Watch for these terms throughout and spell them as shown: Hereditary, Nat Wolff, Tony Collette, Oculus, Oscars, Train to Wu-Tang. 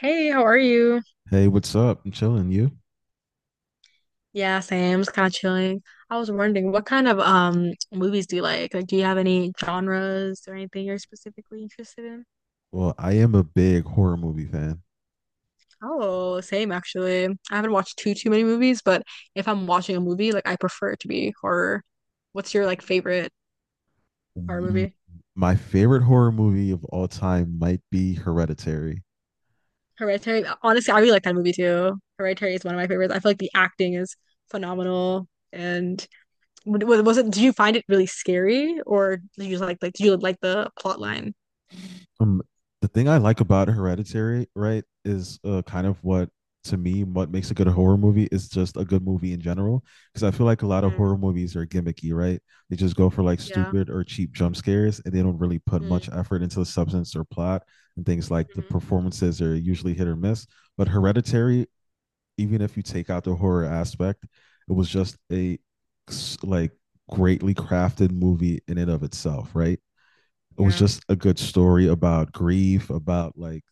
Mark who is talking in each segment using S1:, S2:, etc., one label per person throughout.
S1: Hey, how are you?
S2: Hey, what's up? I'm chilling. You?
S1: Yeah, same. Just kind of chilling. I was wondering, what kind of movies do you like? Like, do you have any genres or anything you're specifically interested in?
S2: Well, I am a big horror movie fan.
S1: Oh, same actually. I haven't watched too many movies, but if I'm watching a movie, like I prefer it to be horror. What's your like favorite horror
S2: Mm,
S1: movie?
S2: My favorite horror movie of all time might be Hereditary.
S1: Hereditary. Honestly, I really like that movie too. Hereditary is one of my favorites. I feel like the acting is phenomenal. And was it? Did you find it really scary, or did you just like did you like the plot line?
S2: Um, the thing I like about Hereditary, right, is kind of what, to me, what makes a good horror movie is just a good movie in general. Because I feel like a lot of horror movies are gimmicky, right? They just go for, like,
S1: Yeah.
S2: stupid or cheap jump scares, and they don't really put
S1: Mm-hmm.
S2: much effort into the substance or plot, and things like the performances are usually hit or miss. But Hereditary, even if you take out the horror aspect, it was just a, like, greatly crafted movie in and of itself, right? It was
S1: Yeah.
S2: just a good story about grief, about like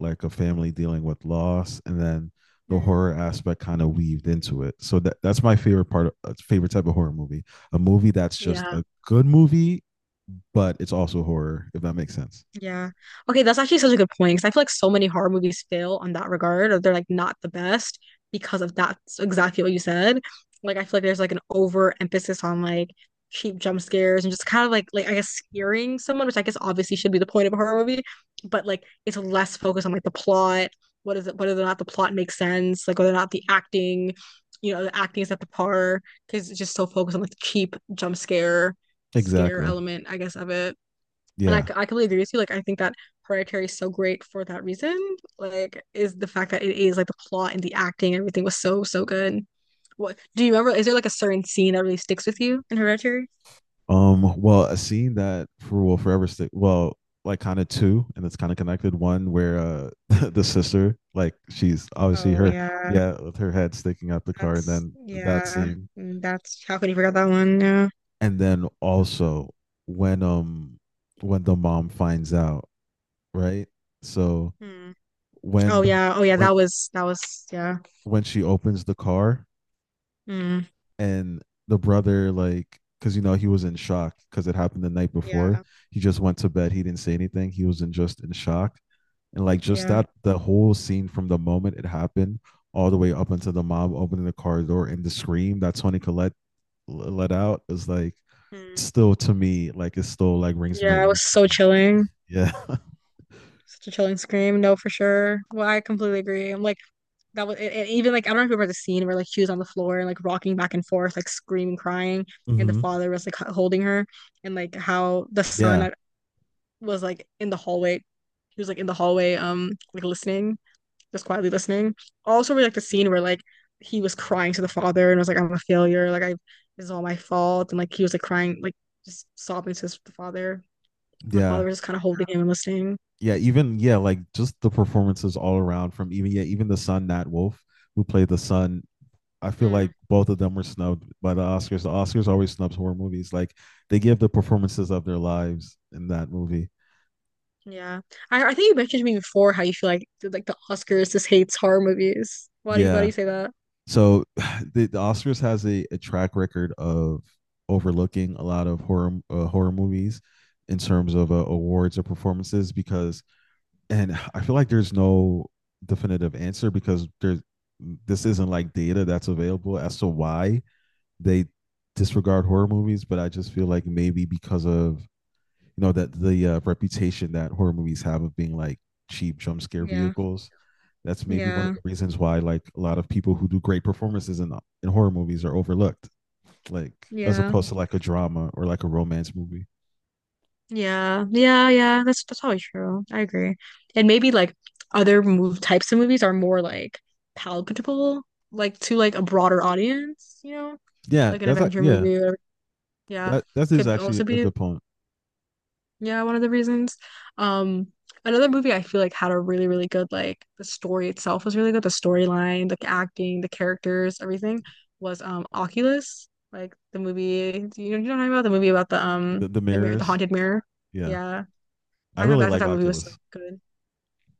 S2: a family dealing with loss, and then the
S1: Mm-hmm.
S2: horror aspect kind of weaved into it. So that's my favorite part — of, favorite type of horror movie, a movie that's just
S1: Yeah.
S2: a good movie, but it's also horror, if that makes sense.
S1: Yeah. Okay, that's actually such a good point because I feel like so many horror movies fail on that regard, or they're like not the best because of that's exactly what you said. Like I feel like there's like an overemphasis on like cheap jump scares and just kind of like I guess scaring someone, which I guess obviously should be the point of a horror movie, but like it's less focused on like the plot, what is it, whether or not the plot makes sense, like whether or not the acting, the acting is at the par because it's just so focused on like the cheap jump scare
S2: Exactly.
S1: element, I guess, of it. And I
S2: Yeah.
S1: I completely agree with you. Like, I think that Hereditary is so great for that reason. Like, is the fact that it is like the plot and the acting, everything was so, so good. What do you remember? Is there like a certain scene that really sticks with you in Hereditary?
S2: Well, a scene that for will forever stick. Well, like, kind of two, and it's kind of connected. One where the sister, like, she's obviously
S1: Oh
S2: her,
S1: yeah,
S2: yeah, with her head sticking out the car. And
S1: that's
S2: then that
S1: yeah,
S2: scene,
S1: that's how could you forget that one? Yeah.
S2: and then also when um when the mom finds out, right? So
S1: Hmm.
S2: when
S1: Oh
S2: the
S1: yeah. Oh yeah.
S2: when
S1: That was yeah.
S2: when she opens the car,
S1: Mm.
S2: and the brother, like, because you know he was in shock because it happened the night before.
S1: Yeah,
S2: He just went to bed, he didn't say anything, he was in just in shock. And, like, just
S1: yeah.
S2: that, the whole scene, from the moment it happened all the way up until the mom opening the car door, and the scream that Tony Collette let out is, like,
S1: Mm.
S2: still to me, like, it still, like, rings in my
S1: Yeah, it was
S2: ears.
S1: so chilling.
S2: Yeah,
S1: Such a chilling scream. No, for sure. Well, I completely agree. I'm like. That was and even like I don't know if you remember the scene where like she was on the floor and like rocking back and forth, like screaming, crying, and the
S2: Mm-hmm.
S1: father was like holding her, and like how the son
S2: Yeah,
S1: was like in the hallway, he was like in the hallway, like listening, just quietly listening. Also, we like the scene where like he was crying to the father and was like, "I'm a failure, like I this is all my fault," and like he was like crying, like just sobbing to his, the father, and the
S2: yeah,
S1: father was just kind of holding him and listening.
S2: yeah. Even, yeah, like, just the performances all around, from even, yeah, even the son, Nat Wolff, who played the son. I feel like
S1: Mm.
S2: both of them were snubbed by the Oscars. The Oscars always snubs horror movies. Like, they give the performances of their lives in that movie.
S1: Yeah. I think you mentioned to me before how you feel like like the Oscars just hates horror movies. Why do you why do
S2: Yeah,
S1: you say that?
S2: so the Oscars has a track record of overlooking a lot of horror movies in terms of
S1: Mm.
S2: awards or performances, because — and I feel like there's no definitive answer, because there's this isn't like data that's available as to why they disregard horror movies, but I just feel like maybe because of, you know, that the reputation that horror movies have of being, like, cheap jump scare
S1: Yeah.
S2: vehicles, that's maybe one of
S1: Yeah.
S2: the reasons why, like, a lot of people who do great performances in horror movies are overlooked, like, as
S1: Yeah.
S2: opposed to, like, a drama or like a romance movie.
S1: Yeah. Yeah. Yeah. That's probably true. I agree. And maybe like other move types of movies are more like palatable, like to like a broader audience, you know?
S2: Yeah,
S1: Like an
S2: that's,
S1: adventure
S2: yeah,
S1: movie or yeah.
S2: that is
S1: Could
S2: actually
S1: also
S2: a
S1: be
S2: good point.
S1: Yeah, one of the reasons. Um, Another movie I feel like had a really, really good like the story itself was really good. The storyline, the acting, the characters, everything was Oculus, like the movie. You know what I'm talking about? The movie about the um
S2: The
S1: the mirror, the
S2: mirrors,
S1: haunted mirror.
S2: yeah,
S1: Yeah,
S2: I
S1: I thought
S2: really
S1: I thought
S2: like
S1: that movie was so
S2: Oculus.
S1: good.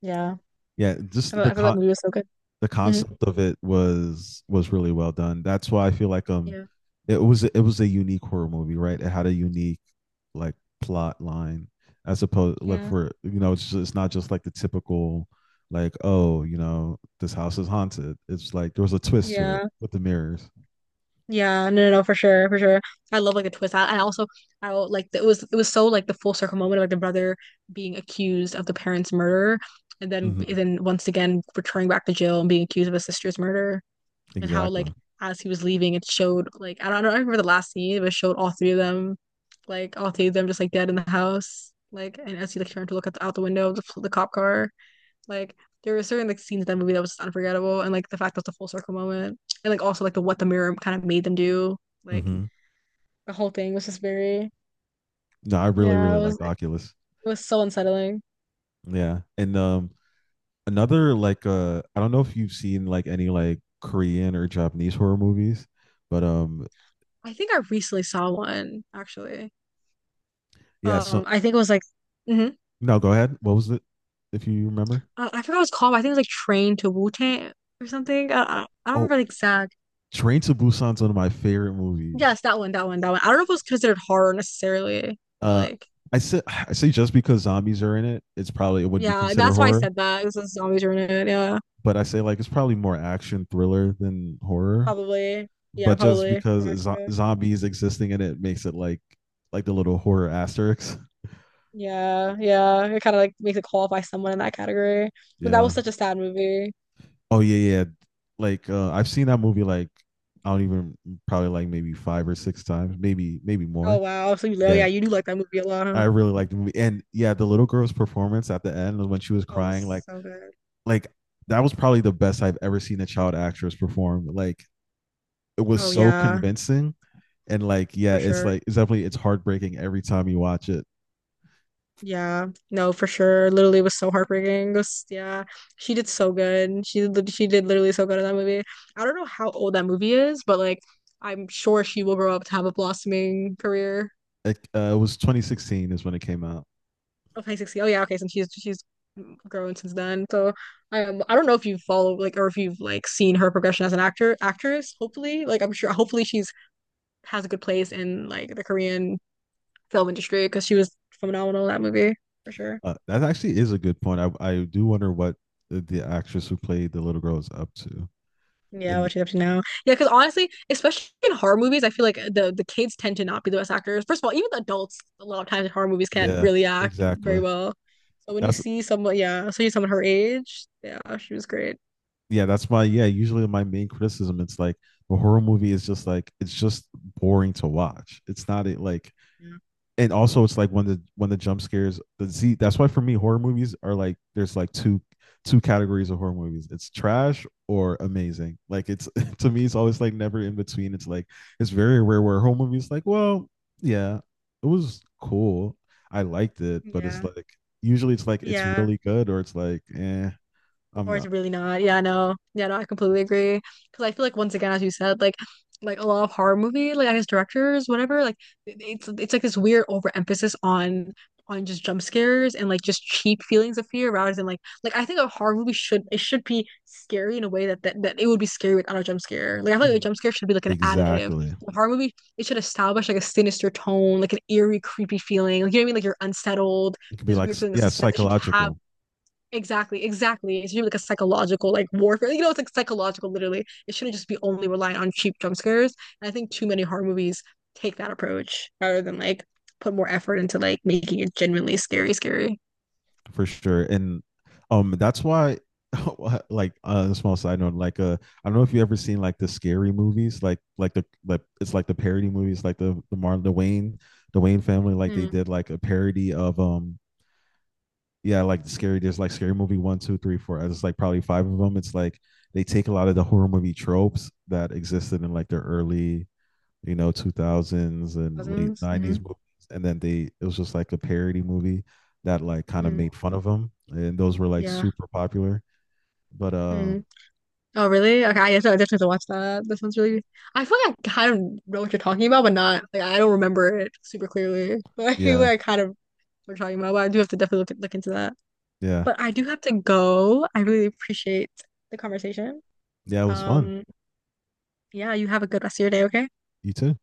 S1: Yeah,
S2: Yeah,
S1: I
S2: just
S1: thought, I thought that movie was so good.
S2: the
S1: hmm
S2: concept of it was really well done. That's why I feel like,
S1: Yeah,
S2: it was a unique horror movie, right? It had a unique, like, plot line, as opposed, like,
S1: yeah,
S2: for you know, it's not just like the typical, like, oh, you know, this house is haunted. It's like there was a twist to it
S1: yeah.
S2: with the mirrors.
S1: Yeah, no, no, no, for sure, for sure. I love like a twist. And also, like it was so like the full circle moment of like the brother being accused of the parents' murder, and then
S2: Mm-hmm.
S1: and then once again returning back to jail and being accused of his sister's murder, and how
S2: Exactly.
S1: like as he was leaving, it showed like I don't remember the last scene, but it showed all three of them, just like dead in the house, like and as he like turned to look at the, out the window of the cop car. Like there were certain like scenes in that movie that was just unforgettable, and like the fact that it's a full circle moment, and like also like the what the mirror kind of made them do, like
S2: Mm-hmm.
S1: the whole thing was just very
S2: No, I really
S1: yeah,
S2: really
S1: it was
S2: liked
S1: it
S2: Oculus.
S1: was so unsettling.
S2: Yeah, and another, like, I don't know if you've seen, like, any, like, Korean or Japanese horror movies, but
S1: I think I recently saw one actually.
S2: yeah, so,
S1: I think it was like hmm
S2: no, go ahead, what was it, if you remember.
S1: I forgot what it's called. But I think it was like Train to Wu-Tang or something. I don't
S2: Oh,
S1: remember the exact.
S2: Train to Busan's one of my favorite movies.
S1: Yes, that one, that one, that one. I don't know if it was considered horror necessarily, but
S2: uh
S1: like
S2: I say just because zombies are in it, it's probably, it would be
S1: yeah,
S2: considered
S1: that's why I
S2: horror.
S1: said that. It was a zombies were in it. Yeah,
S2: But I say, like, it's probably more action thriller than horror.
S1: probably. Yeah,
S2: But just
S1: probably.
S2: because
S1: Actually.
S2: zombies existing in it makes it, like, the little horror asterisk.
S1: Yeah, yeah. It kind of like makes it qualify someone in that category. But that
S2: Yeah.
S1: was such a sad movie.
S2: Oh, yeah, yeah. Like, I've seen that movie, like, I don't even, probably, like, maybe five or six times, maybe
S1: Oh
S2: more.
S1: wow. So yeah,
S2: Yeah,
S1: you do like that movie a lot, huh?
S2: I really liked the movie, and yeah, the little girl's performance at the end when she was
S1: Oh, it was
S2: crying, like,
S1: so good.
S2: like that was probably the best I've ever seen a child actress perform. Like, it was
S1: Oh
S2: so
S1: yeah,
S2: convincing, and, like, yeah,
S1: for
S2: it's,
S1: sure.
S2: like, it's heartbreaking every time you watch it.
S1: Yeah. No, for sure. Literally it was so heartbreaking. Yeah. She did so good. She did literally so good in that movie. I don't know how old that movie is, but like I'm sure she will grow up to have a blossoming career.
S2: It was 2016 is when it came out.
S1: Oh, High 60. Oh yeah, okay. Since she's grown since then. So I don't know if you've followed like or if you've like seen her progression as an actor actress. Hopefully, like I'm sure hopefully she's has a good place in like the Korean film industry because she was phenomenal in that movie for sure.
S2: That actually is a good point. I do wonder what the actress who played the little girl is up to.
S1: Yeah,
S2: And
S1: what she's up to now. Yeah, because honestly, especially in horror movies, I feel like the kids tend to not be the best actors. First of all, even the adults a lot of times in horror movies can't
S2: yeah,
S1: really act very
S2: exactly.
S1: well. So when you
S2: That's,
S1: see someone, yeah, so you see someone her age, yeah, she was great.
S2: yeah, that's my, yeah, usually my main criticism, it's like a horror movie is just, like, it's just boring to watch. It's not, it, like,
S1: Yeah.
S2: and also it's like when the jump scares. The, z. that's why for me horror movies are, like, there's, like, two categories of horror movies. It's trash or amazing. Like, it's to me, it's always, like, never in between. It's like it's very rare where a horror movie is, like, well, yeah, it was cool, I liked it, but it's,
S1: Yeah.
S2: like, usually it's like, it's
S1: Yeah.
S2: really good, or it's like, eh, I'm
S1: Or it's
S2: not.
S1: really not. Yeah, no. Yeah, no, I completely agree. Because I feel like once again, as you said, like a lot of horror movie, like I guess directors, whatever, like it's like this weird overemphasis on just jump scares and like just cheap feelings of fear rather than like I think a horror movie should it should be scary in a way that it would be scary without a jump scare. Like I feel like a
S2: Mm.
S1: jump scare should be like an additive.
S2: Exactly.
S1: A horror movie, it should establish like a sinister tone, like an eerie, creepy feeling. Like you know what I mean? Like you're unsettled,
S2: It could be,
S1: this
S2: like,
S1: weird feeling of
S2: yeah,
S1: suspense. It should have
S2: psychological.
S1: Exactly, exactly. It should be like a psychological like warfare. You know, it's like psychological literally. It shouldn't just be only relying on cheap jump scares. And I think too many horror movies take that approach rather than like put more effort into like making it genuinely scary, scary.
S2: For sure. And that's why like, a small side note, like, I don't know if you ever seen, like, the Scary Movies, like, the, like, it's like, the parody movies, like, the Martin, the Wayne family, like they
S1: Mm.
S2: did like a parody of yeah, like, the scary, there's, like, Scary Movie 1, 2, 3, 4, it's, like, probably five of them, it's like they take a lot of the horror movie tropes that existed in, like, the early, 2000s and late
S1: Cousins. Hmm.
S2: 90s movies. And then they, it was just like a parody movie that, like, kind of
S1: Mm.
S2: made fun of them. And those were, like,
S1: Yeah.
S2: super popular. But
S1: Mm. Oh, really? Okay, I guess I definitely have to watch that. That sounds really I feel like I kind of know what you're talking about, but not like I don't remember it super clearly. But I feel
S2: yeah,
S1: like I kind of know what you're talking about, but I do have to definitely look into that.
S2: yeah,
S1: But I do have to go. I really appreciate the conversation.
S2: yeah, it was fun.
S1: Um, yeah, you have a good rest of your day, okay?
S2: You too.